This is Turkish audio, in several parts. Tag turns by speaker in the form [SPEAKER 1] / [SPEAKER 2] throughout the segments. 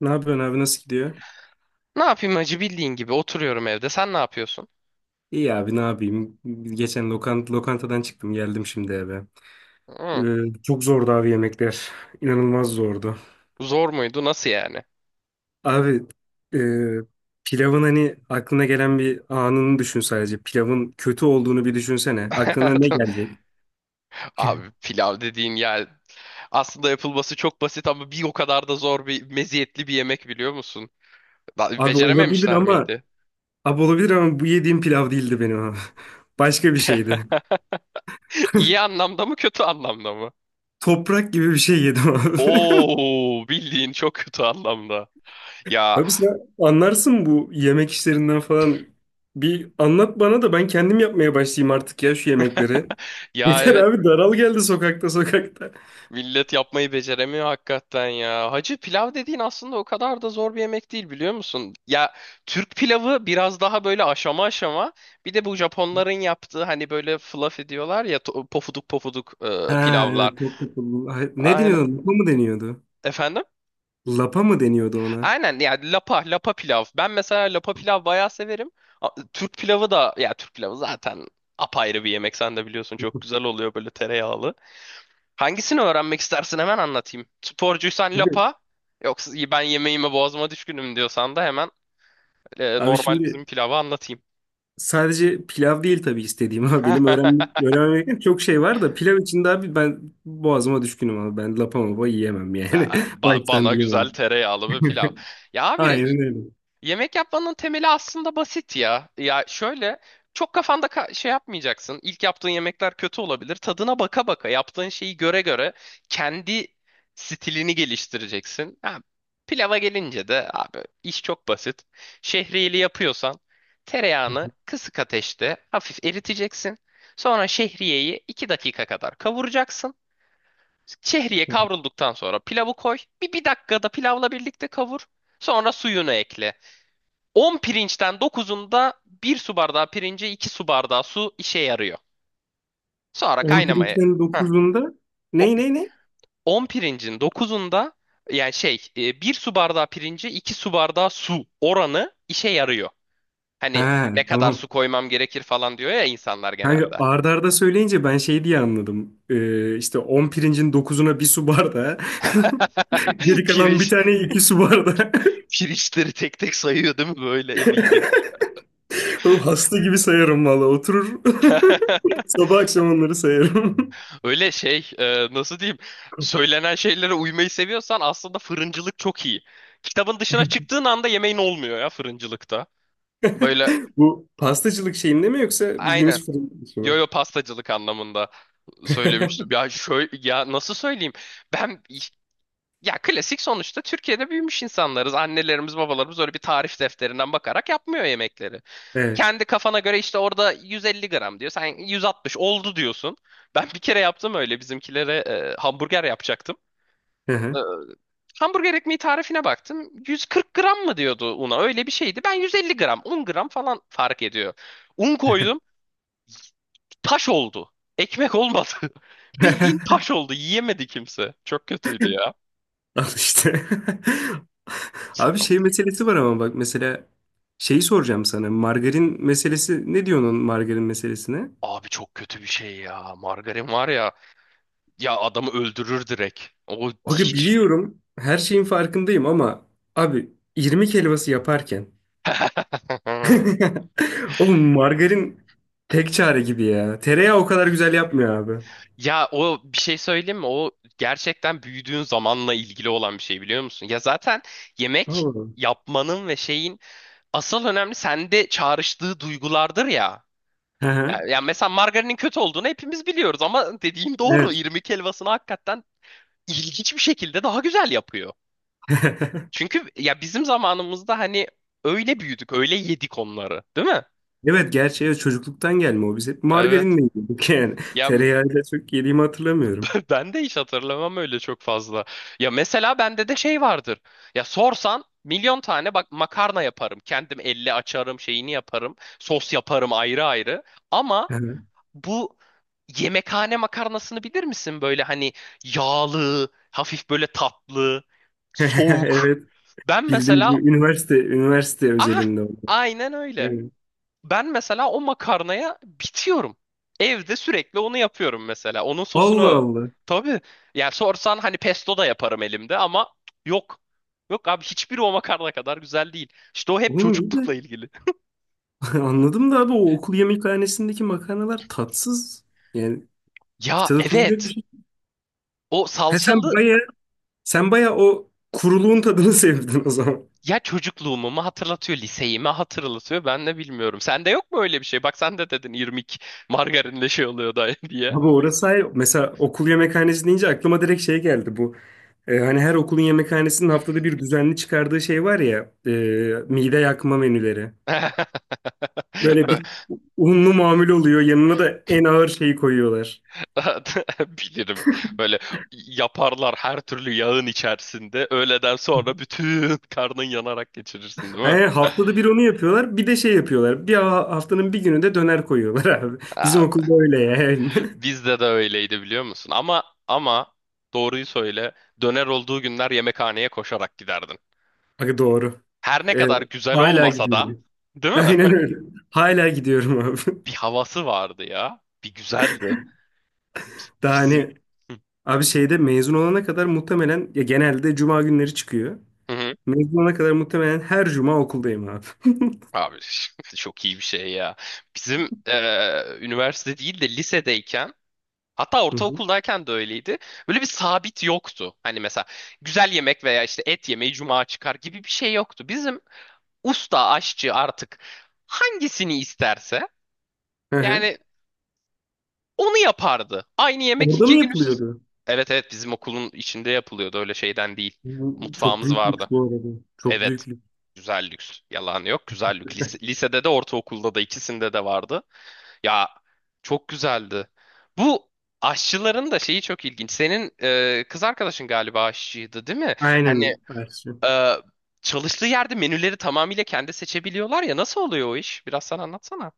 [SPEAKER 1] Ne yapıyorsun abi nasıl gidiyor?
[SPEAKER 2] Ne yapayım hacı bildiğin gibi oturuyorum evde. Sen ne yapıyorsun?
[SPEAKER 1] İyi abi ne yapayım? Geçen lokantadan çıktım geldim şimdi eve.
[SPEAKER 2] Hı,
[SPEAKER 1] Çok zordu abi yemekler. İnanılmaz zordu.
[SPEAKER 2] zor muydu? Nasıl yani?
[SPEAKER 1] Abi e, pilavın hani aklına gelen bir anını düşün sadece. Pilavın kötü olduğunu bir düşünsene. Aklına ne gelecek?
[SPEAKER 2] Abi pilav dediğin yani aslında yapılması çok basit ama bir o kadar da zor bir meziyetli bir yemek biliyor musun?
[SPEAKER 1] Abi olabilir
[SPEAKER 2] Becerememişler
[SPEAKER 1] ama
[SPEAKER 2] miydi?
[SPEAKER 1] abi olabilir ama bu yediğim pilav değildi benim abi. Başka bir şeydi.
[SPEAKER 2] İyi anlamda mı kötü anlamda mı?
[SPEAKER 1] Toprak gibi bir şey yedim abi.
[SPEAKER 2] Oo, bildiğin çok kötü anlamda. Ya
[SPEAKER 1] Abi sen anlarsın bu yemek işlerinden falan. Bir anlat bana da ben kendim yapmaya başlayayım artık ya şu yemekleri.
[SPEAKER 2] ya
[SPEAKER 1] Yeter
[SPEAKER 2] evet.
[SPEAKER 1] abi daral geldi sokakta sokakta.
[SPEAKER 2] Millet yapmayı beceremiyor hakikaten ya. Hacı pilav dediğin aslında o kadar da zor bir yemek değil biliyor musun? Ya, Türk pilavı biraz daha böyle aşama aşama. Bir de bu Japonların yaptığı hani böyle fluffy diyorlar ya, pofuduk pofuduk
[SPEAKER 1] Ha
[SPEAKER 2] pilavlar.
[SPEAKER 1] evet çok kokulu. Ay, ne
[SPEAKER 2] Aynen.
[SPEAKER 1] deniyordu? Lapa mı deniyordu?
[SPEAKER 2] Efendim?
[SPEAKER 1] Lapa mı deniyordu ona?
[SPEAKER 2] Aynen, yani lapa lapa pilav. Ben mesela lapa pilav bayağı severim. Türk pilavı da, ya Türk pilavı zaten apayrı bir yemek, sen de biliyorsun, çok güzel oluyor böyle tereyağlı. Hangisini öğrenmek istersin, hemen anlatayım. Sporcuysan
[SPEAKER 1] Abi,
[SPEAKER 2] lapa, yoksa ben yemeğime boğazıma düşkünüm diyorsan da hemen
[SPEAKER 1] abi,
[SPEAKER 2] normal
[SPEAKER 1] şimdi
[SPEAKER 2] bizim pilavı anlatayım.
[SPEAKER 1] sadece pilav değil tabii istediğim ama benim öğrenmem gereken çok şey var da pilav içinde abi ben boğazıma düşkünüm abi. Ben lapa mapa yiyemem yani. Baştan
[SPEAKER 2] Bana
[SPEAKER 1] bilemem.
[SPEAKER 2] güzel tereyağlı bir pilav. Ya
[SPEAKER 1] Aynen
[SPEAKER 2] abi,
[SPEAKER 1] öyle.
[SPEAKER 2] yemek yapmanın temeli aslında basit ya. Ya şöyle, çok kafanda şey yapmayacaksın. İlk yaptığın yemekler kötü olabilir. Tadına baka baka, yaptığın şeyi göre göre kendi stilini geliştireceksin. Ha, pilava gelince de abi iş çok basit. Şehriyeli yapıyorsan tereyağını kısık ateşte hafif eriteceksin. Sonra şehriyeyi 2 dakika kadar kavuracaksın. Şehriye kavrulduktan sonra pilavı koy. Bir dakikada pilavla birlikte kavur. Sonra suyunu ekle. 10 pirinçten 9'unda 1 su bardağı pirince 2 su bardağı su işe yarıyor. Sonra kaynamaya.
[SPEAKER 1] 11'den
[SPEAKER 2] Heh.
[SPEAKER 1] dokuzunda
[SPEAKER 2] O,
[SPEAKER 1] ne?
[SPEAKER 2] 10 pirincin 9'unda, yani şey, 1 su bardağı pirince 2 su bardağı su oranı işe yarıyor.
[SPEAKER 1] Ha
[SPEAKER 2] Hani ne kadar
[SPEAKER 1] tamam.
[SPEAKER 2] su koymam gerekir falan diyor ya insanlar
[SPEAKER 1] Kanka
[SPEAKER 2] genelde.
[SPEAKER 1] arda arda söyleyince ben şey diye anladım. İşte 10 pirincin dokuzuna bir su bardağı. Geri kalan bir
[SPEAKER 2] Pirinç,
[SPEAKER 1] tane 2 su bardağı.
[SPEAKER 2] pirinçleri tek tek sayıyor değil mi böyle eliyle?
[SPEAKER 1] Oğlum hasta gibi sayarım valla. Oturur. Sabah akşam onları sayarım.
[SPEAKER 2] Öyle şey, nasıl diyeyim, söylenen şeylere uymayı seviyorsan aslında fırıncılık çok iyi. Kitabın dışına çıktığın anda yemeğin olmuyor ya fırıncılıkta. Böyle,
[SPEAKER 1] Bu pastacılık şeyinde mi yoksa
[SPEAKER 2] aynen.
[SPEAKER 1] bildiğimiz fırın işi
[SPEAKER 2] Yo
[SPEAKER 1] mi?
[SPEAKER 2] yo, pastacılık anlamında söylemiştim. Ya şöyle, ya nasıl söyleyeyim? Ben, ya klasik, sonuçta Türkiye'de büyümüş insanlarız. Annelerimiz, babalarımız öyle bir tarif defterinden bakarak yapmıyor yemekleri.
[SPEAKER 1] Evet.
[SPEAKER 2] Kendi kafana göre işte orada 150 gram diyor. Sen 160 oldu diyorsun. Ben bir kere yaptım öyle bizimkilere, hamburger yapacaktım.
[SPEAKER 1] Hı hı.
[SPEAKER 2] Hamburger ekmeği tarifine baktım. 140 gram mı diyordu una? Öyle bir şeydi. Ben 150 gram, 10 gram falan fark ediyor. Un koydum, taş oldu. Ekmek olmadı. Bildiğin taş oldu. Yiyemedi kimse. Çok kötüydü ya.
[SPEAKER 1] Al işte.
[SPEAKER 2] Sa-
[SPEAKER 1] Abi şey meselesi var ama bak mesela şeyi soracağım sana. Margarin meselesi ne diyorsun onun margarin meselesine?
[SPEAKER 2] Abi çok kötü bir şey ya. Margarin var ya. Ya adamı öldürür direkt. O
[SPEAKER 1] Abi
[SPEAKER 2] hiç...
[SPEAKER 1] biliyorum her şeyin farkındayım ama abi irmik helvası yaparken oğlum margarin tek çare gibi ya. Tereyağı o kadar güzel yapmıyor abi.
[SPEAKER 2] Ya o, bir şey söyleyeyim mi? O gerçekten büyüdüğün zamanla ilgili olan bir şey biliyor musun? Ya zaten yemek
[SPEAKER 1] Allah.
[SPEAKER 2] yapmanın ve şeyin asıl önemli sende çağrıştığı duygulardır ya.
[SPEAKER 1] Hı
[SPEAKER 2] Ya,
[SPEAKER 1] hı.
[SPEAKER 2] ya mesela margarinin kötü olduğunu hepimiz biliyoruz ama dediğin doğru.
[SPEAKER 1] Evet.
[SPEAKER 2] İrmik helvasını hakikaten ilginç bir şekilde daha güzel yapıyor. Çünkü ya bizim zamanımızda hani öyle büyüdük, öyle yedik onları, değil mi?
[SPEAKER 1] Evet gerçi evet, çocukluktan gelme o biz hep
[SPEAKER 2] Evet.
[SPEAKER 1] margarinle yedik yani.
[SPEAKER 2] Ya
[SPEAKER 1] Tereyağıyla çok yediğimi hatırlamıyorum.
[SPEAKER 2] ben de hiç hatırlamam öyle çok fazla. Ya mesela bende de şey vardır. Ya sorsan milyon tane bak makarna yaparım. Kendim elle açarım, şeyini yaparım. Sos yaparım ayrı ayrı. Ama
[SPEAKER 1] Hı hı.
[SPEAKER 2] bu yemekhane makarnasını bilir misin? Böyle hani yağlı, hafif böyle tatlı, soğuk.
[SPEAKER 1] Evet.
[SPEAKER 2] Ben
[SPEAKER 1] Bildiğim gibi
[SPEAKER 2] mesela,
[SPEAKER 1] üniversite
[SPEAKER 2] aha,
[SPEAKER 1] özelinde oldu.
[SPEAKER 2] aynen öyle.
[SPEAKER 1] Evet.
[SPEAKER 2] Ben mesela o makarnaya bitiyorum. Evde sürekli onu yapıyorum mesela. Onun sosunu
[SPEAKER 1] Allah
[SPEAKER 2] o.
[SPEAKER 1] Allah.
[SPEAKER 2] Tabii. Yani sorsan hani pesto da yaparım elimde ama yok. Yok abi, hiçbiri o makarna kadar güzel değil. İşte o hep
[SPEAKER 1] Oğlum iyi de.
[SPEAKER 2] çocuklukla ilgili.
[SPEAKER 1] Anladım da abi o okul yemekhanesindeki makarnalar tatsız. Yani bir
[SPEAKER 2] Ya
[SPEAKER 1] tadı tuzu yok bir
[SPEAKER 2] evet.
[SPEAKER 1] şey.
[SPEAKER 2] O
[SPEAKER 1] He sen
[SPEAKER 2] salçalı.
[SPEAKER 1] baya, sen baya o kuruluğun tadını sevdin o zaman.
[SPEAKER 2] Ya çocukluğumu mu hatırlatıyor, liseyi mi hatırlatıyor ben de bilmiyorum. Sende yok mu öyle bir şey? Bak sen de dedin, irmik margarinle şey oluyor da diye.
[SPEAKER 1] Abi orası hayır. Mesela okul yemekhanesi deyince aklıma direkt şey geldi bu. Hani her okulun yemekhanesinin haftada bir düzenli çıkardığı şey var ya. Mide yakma menüleri. Böyle bir unlu mamul oluyor. Yanına da en ağır şeyi koyuyorlar.
[SPEAKER 2] Bilirim. Böyle yaparlar her türlü yağın içerisinde. Öğleden sonra bütün karnın yanarak geçirirsin değil mi?
[SPEAKER 1] Yani haftada bir onu yapıyorlar. Bir de şey yapıyorlar. Bir haftanın bir günü de döner koyuyorlar abi. Bizim
[SPEAKER 2] Abi,
[SPEAKER 1] okulda öyle yani.
[SPEAKER 2] bizde de öyleydi biliyor musun? Ama doğruyu söyle. Döner olduğu günler yemekhaneye koşarak giderdin.
[SPEAKER 1] Aga doğru.
[SPEAKER 2] Her ne
[SPEAKER 1] Evet,
[SPEAKER 2] kadar güzel
[SPEAKER 1] hala
[SPEAKER 2] olmasa da,
[SPEAKER 1] gidiyorum.
[SPEAKER 2] değil mi?
[SPEAKER 1] Aynen öyle. Hala gidiyorum abi.
[SPEAKER 2] Bir havası vardı ya. Bir güzeldi.
[SPEAKER 1] Daha
[SPEAKER 2] Bizim.
[SPEAKER 1] hani abi şeyde mezun olana kadar muhtemelen ya genelde cuma günleri çıkıyor.
[SPEAKER 2] Hı hı.
[SPEAKER 1] Mezun olana kadar muhtemelen her cuma okuldayım abi.
[SPEAKER 2] Abi çok iyi bir şey ya. Bizim üniversite değil de lisedeyken, hatta
[SPEAKER 1] Hı hı.
[SPEAKER 2] ortaokuldayken de öyleydi. Böyle bir sabit yoktu. Hani mesela güzel yemek veya işte et yemeği cuma çıkar gibi bir şey yoktu. Bizim usta aşçı artık hangisini isterse
[SPEAKER 1] Hı hı.
[SPEAKER 2] yani onu yapardı. Aynı yemek
[SPEAKER 1] Orada mı
[SPEAKER 2] 2 gün üst üste.
[SPEAKER 1] yapılıyordu?
[SPEAKER 2] Evet evet, bizim okulun içinde yapılıyordu öyle şeyden değil.
[SPEAKER 1] Bu çok
[SPEAKER 2] Mutfağımız
[SPEAKER 1] büyük lüks
[SPEAKER 2] vardı.
[SPEAKER 1] bu arada. Çok
[SPEAKER 2] Evet.
[SPEAKER 1] büyük lüks.
[SPEAKER 2] Güzel lüks. Yalan yok. Güzel lüks. Lisede de ortaokulda da ikisinde de vardı. Ya çok güzeldi. Bu aşçıların da şeyi çok ilginç. Senin kız arkadaşın galiba aşçıydı, değil mi? Hani
[SPEAKER 1] Aynen. Ersin.
[SPEAKER 2] e, çalıştığı yerde menüleri tamamıyla kendi seçebiliyorlar ya. Nasıl oluyor o iş? Biraz sen anlatsana.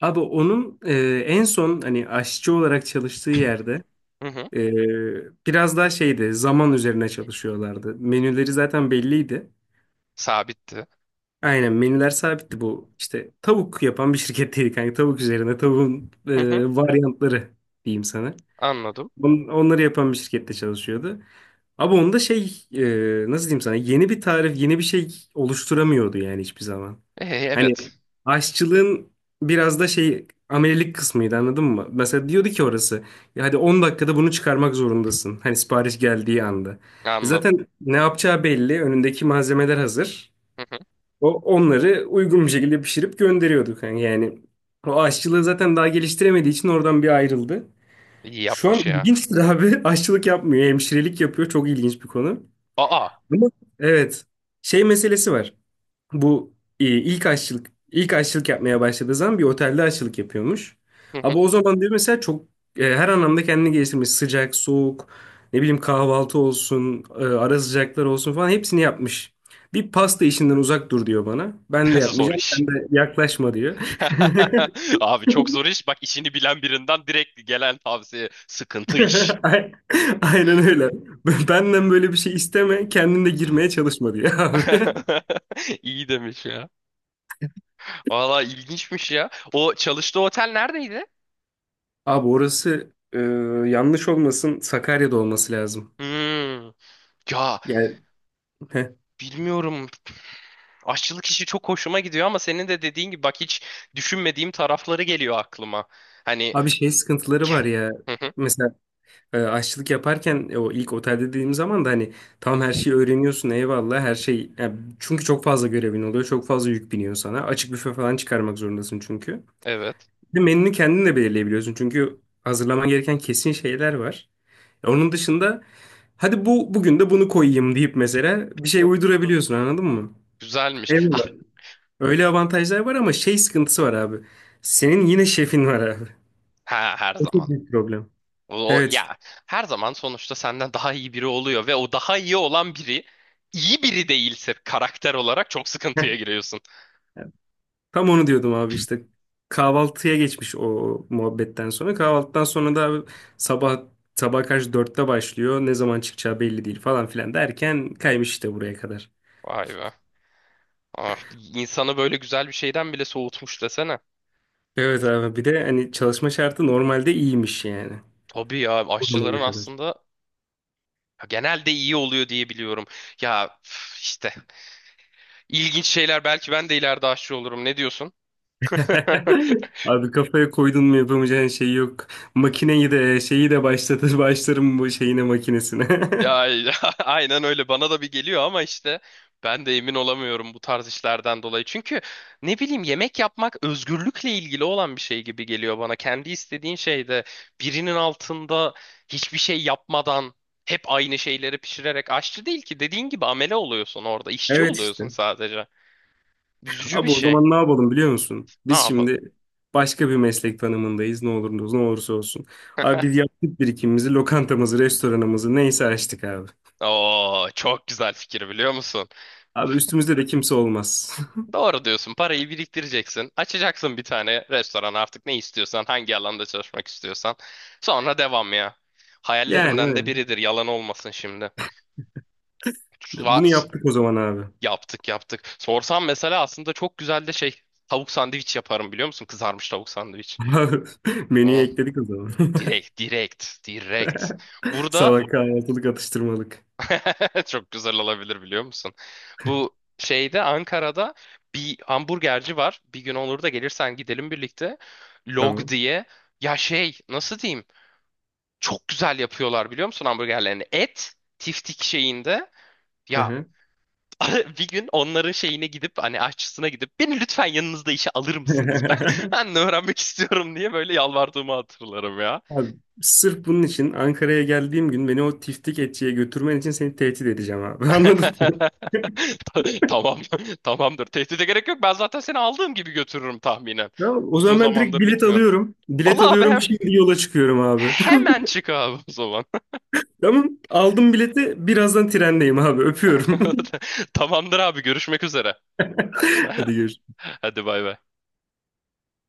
[SPEAKER 1] Abi onun en son hani aşçı olarak çalıştığı yerde
[SPEAKER 2] Hı hı.
[SPEAKER 1] biraz daha şeydi zaman üzerine çalışıyorlardı. Menüleri zaten belliydi.
[SPEAKER 2] Sabitti.
[SPEAKER 1] Aynen menüler sabitti bu. İşte tavuk yapan bir şirketteydi kanka. Tavuk üzerine tavuğun
[SPEAKER 2] Hı hı.
[SPEAKER 1] varyantları diyeyim sana.
[SPEAKER 2] Anladım.
[SPEAKER 1] Onları yapan bir şirkette çalışıyordu. Abi onda şey nasıl diyeyim sana yeni bir tarif yeni bir şey oluşturamıyordu yani hiçbir zaman.
[SPEAKER 2] E,
[SPEAKER 1] Hani
[SPEAKER 2] evet.
[SPEAKER 1] aşçılığın biraz da şey amelilik kısmıydı anladın mı? Mesela diyordu ki orası ya hadi 10 dakikada bunu çıkarmak zorundasın. Hani sipariş geldiği anda. E
[SPEAKER 2] Anladım.
[SPEAKER 1] zaten ne yapacağı belli. Önündeki malzemeler hazır.
[SPEAKER 2] Hı hı.
[SPEAKER 1] O onları uygun bir şekilde pişirip gönderiyorduk. Yani, o aşçılığı zaten daha geliştiremediği için oradan bir ayrıldı.
[SPEAKER 2] İyi
[SPEAKER 1] Şu an
[SPEAKER 2] yapmış ya.
[SPEAKER 1] ilginçtir abi. Aşçılık yapmıyor. Hemşirelik yapıyor. Çok ilginç bir konu.
[SPEAKER 2] Aa.
[SPEAKER 1] Ama evet. Şey meselesi var. Bu ilk aşçılık yapmaya başladığı zaman bir otelde aşçılık yapıyormuş.
[SPEAKER 2] Hı hı.
[SPEAKER 1] Ama o zaman diyor mesela çok her anlamda kendini geliştirmiş. Sıcak, soğuk, ne bileyim kahvaltı olsun, ara sıcaklar olsun falan hepsini yapmış. Bir pasta işinden uzak dur diyor bana. Ben de
[SPEAKER 2] Zor
[SPEAKER 1] yapmayacağım,
[SPEAKER 2] iş.
[SPEAKER 1] sen de yaklaşma diyor.
[SPEAKER 2] Abi çok zor iş. Bak, işini bilen birinden direkt gelen tavsiye sıkıntı iş.
[SPEAKER 1] Ay- Aynen öyle. Benden böyle bir şey isteme, kendin de girmeye çalışma diyor abi.
[SPEAKER 2] İyi demiş ya. Valla ilginçmiş ya. O çalıştığı otel neredeydi?
[SPEAKER 1] Abi orası yanlış olmasın Sakarya'da olması lazım.
[SPEAKER 2] Hmm. Ya
[SPEAKER 1] Yani
[SPEAKER 2] bilmiyorum. Aşçılık işi çok hoşuma gidiyor ama senin de dediğin gibi bak hiç düşünmediğim tarafları geliyor aklıma. Hani
[SPEAKER 1] Abi şey sıkıntıları var ya.
[SPEAKER 2] Hı hı,
[SPEAKER 1] Mesela aşçılık yaparken o ilk otelde dediğim zaman da hani tam her şeyi öğreniyorsun eyvallah her şey. Yani çünkü çok fazla görevin oluyor. Çok fazla yük biniyor sana. Açık büfe falan çıkarmak zorundasın çünkü.
[SPEAKER 2] evet.
[SPEAKER 1] Bir de menünü kendin de belirleyebiliyorsun. Çünkü hazırlaman gereken kesin şeyler var. Onun dışında hadi bu bugün de bunu koyayım deyip mesela bir şey uydurabiliyorsun anladın mı?
[SPEAKER 2] Güzelmiş. Ha,
[SPEAKER 1] Eyvallah. Öyle avantajlar var ama şey sıkıntısı var abi. Senin yine şefin var abi.
[SPEAKER 2] ha, her
[SPEAKER 1] O çok
[SPEAKER 2] zaman.
[SPEAKER 1] büyük problem.
[SPEAKER 2] O,
[SPEAKER 1] Evet.
[SPEAKER 2] ya her zaman sonuçta senden daha iyi biri oluyor ve o daha iyi olan biri iyi biri değilse karakter olarak çok sıkıntıya giriyorsun.
[SPEAKER 1] Tam onu diyordum abi işte kahvaltıya geçmiş o muhabbetten sonra. Kahvaltıdan sonra da abi sabah sabah karşı 4'te başlıyor. Ne zaman çıkacağı belli değil falan filan derken kaymış işte buraya kadar.
[SPEAKER 2] Vay be. Ah, insanı böyle güzel bir şeyden bile soğutmuş desene.
[SPEAKER 1] Evet abi bir de hani çalışma şartı normalde iyiymiş yani.
[SPEAKER 2] Tabii ya,
[SPEAKER 1] O
[SPEAKER 2] aşçıların
[SPEAKER 1] zamana kadar.
[SPEAKER 2] aslında ya genelde iyi oluyor diye biliyorum. Ya üf, işte ilginç şeyler, belki ben de ileride aşçı olurum. Ne diyorsun?
[SPEAKER 1] Abi kafaya koydun mu yapamayacağın şey yok. Makineyi de şeyi de başlatır başlarım bu şeyine makinesine.
[SPEAKER 2] Ya aynen öyle, bana da bir geliyor ama işte ben de emin olamıyorum bu tarz işlerden dolayı. Çünkü ne bileyim, yemek yapmak özgürlükle ilgili olan bir şey gibi geliyor bana. Kendi istediğin şeyde, birinin altında hiçbir şey yapmadan hep aynı şeyleri pişirerek aşçı değil ki, dediğin gibi amele oluyorsun orada, işçi
[SPEAKER 1] Evet
[SPEAKER 2] oluyorsun
[SPEAKER 1] işte.
[SPEAKER 2] sadece. Üzücü bir
[SPEAKER 1] Abi o
[SPEAKER 2] şey.
[SPEAKER 1] zaman ne yapalım biliyor musun?
[SPEAKER 2] Ne
[SPEAKER 1] Biz
[SPEAKER 2] yapalım?
[SPEAKER 1] şimdi başka bir meslek tanımındayız ne oluruz ne olursa olsun. Abi biz yaptık birikimimizi, lokantamızı, restoranımızı neyse açtık abi.
[SPEAKER 2] Oo, çok güzel fikir biliyor musun?
[SPEAKER 1] Abi üstümüzde de kimse olmaz.
[SPEAKER 2] Doğru diyorsun. Parayı biriktireceksin. Açacaksın bir tane restoran, artık ne istiyorsan, hangi alanda çalışmak istiyorsan. Sonra devam ya.
[SPEAKER 1] Yani
[SPEAKER 2] Hayallerimden de
[SPEAKER 1] öyle.
[SPEAKER 2] biridir. Yalan olmasın şimdi. Va-
[SPEAKER 1] Bunu yaptık o zaman abi.
[SPEAKER 2] Yaptık yaptık. Sorsam mesela aslında çok güzel de şey, tavuk sandviç yaparım biliyor musun? Kızarmış tavuk sandviç.
[SPEAKER 1] Abi, menüye
[SPEAKER 2] O
[SPEAKER 1] ekledik o zaman.
[SPEAKER 2] direkt direkt direkt. Burada
[SPEAKER 1] Sabah kahvaltılık atıştırmalık.
[SPEAKER 2] çok güzel olabilir biliyor musun? Bu şeyde Ankara'da bir hamburgerci var. Bir gün olur da gelirsen gidelim birlikte. Log
[SPEAKER 1] Tamam.
[SPEAKER 2] diye. Ya şey, nasıl diyeyim? Çok güzel yapıyorlar biliyor musun hamburgerlerini? Et tiftik şeyinde.
[SPEAKER 1] Hı
[SPEAKER 2] Ya
[SPEAKER 1] hı.
[SPEAKER 2] bir gün onların şeyine gidip hani aşçısına gidip, beni lütfen yanınızda işe alır mısınız? Ben ben de öğrenmek istiyorum diye böyle yalvardığımı hatırlarım ya.
[SPEAKER 1] Abi, sırf bunun için Ankara'ya geldiğim gün beni o tiftik etçiye götürmen için seni tehdit edeceğim abi. Anladın mı?
[SPEAKER 2] Tamam, tamamdır. Tehdide gerek yok. Ben zaten seni aldığım gibi götürürüm tahminen.
[SPEAKER 1] Tamam, o
[SPEAKER 2] Uzun
[SPEAKER 1] zaman ben direkt
[SPEAKER 2] zamandır
[SPEAKER 1] bilet
[SPEAKER 2] gitmiyorum.
[SPEAKER 1] alıyorum. Bilet
[SPEAKER 2] Ola abi,
[SPEAKER 1] alıyorum şimdi yola çıkıyorum abi.
[SPEAKER 2] hemen çık abi o zaman.
[SPEAKER 1] Tamam aldım bileti birazdan trendeyim abi öpüyorum.
[SPEAKER 2] Tamamdır abi, görüşmek üzere.
[SPEAKER 1] Hadi görüşürüz.
[SPEAKER 2] Hadi bay bay.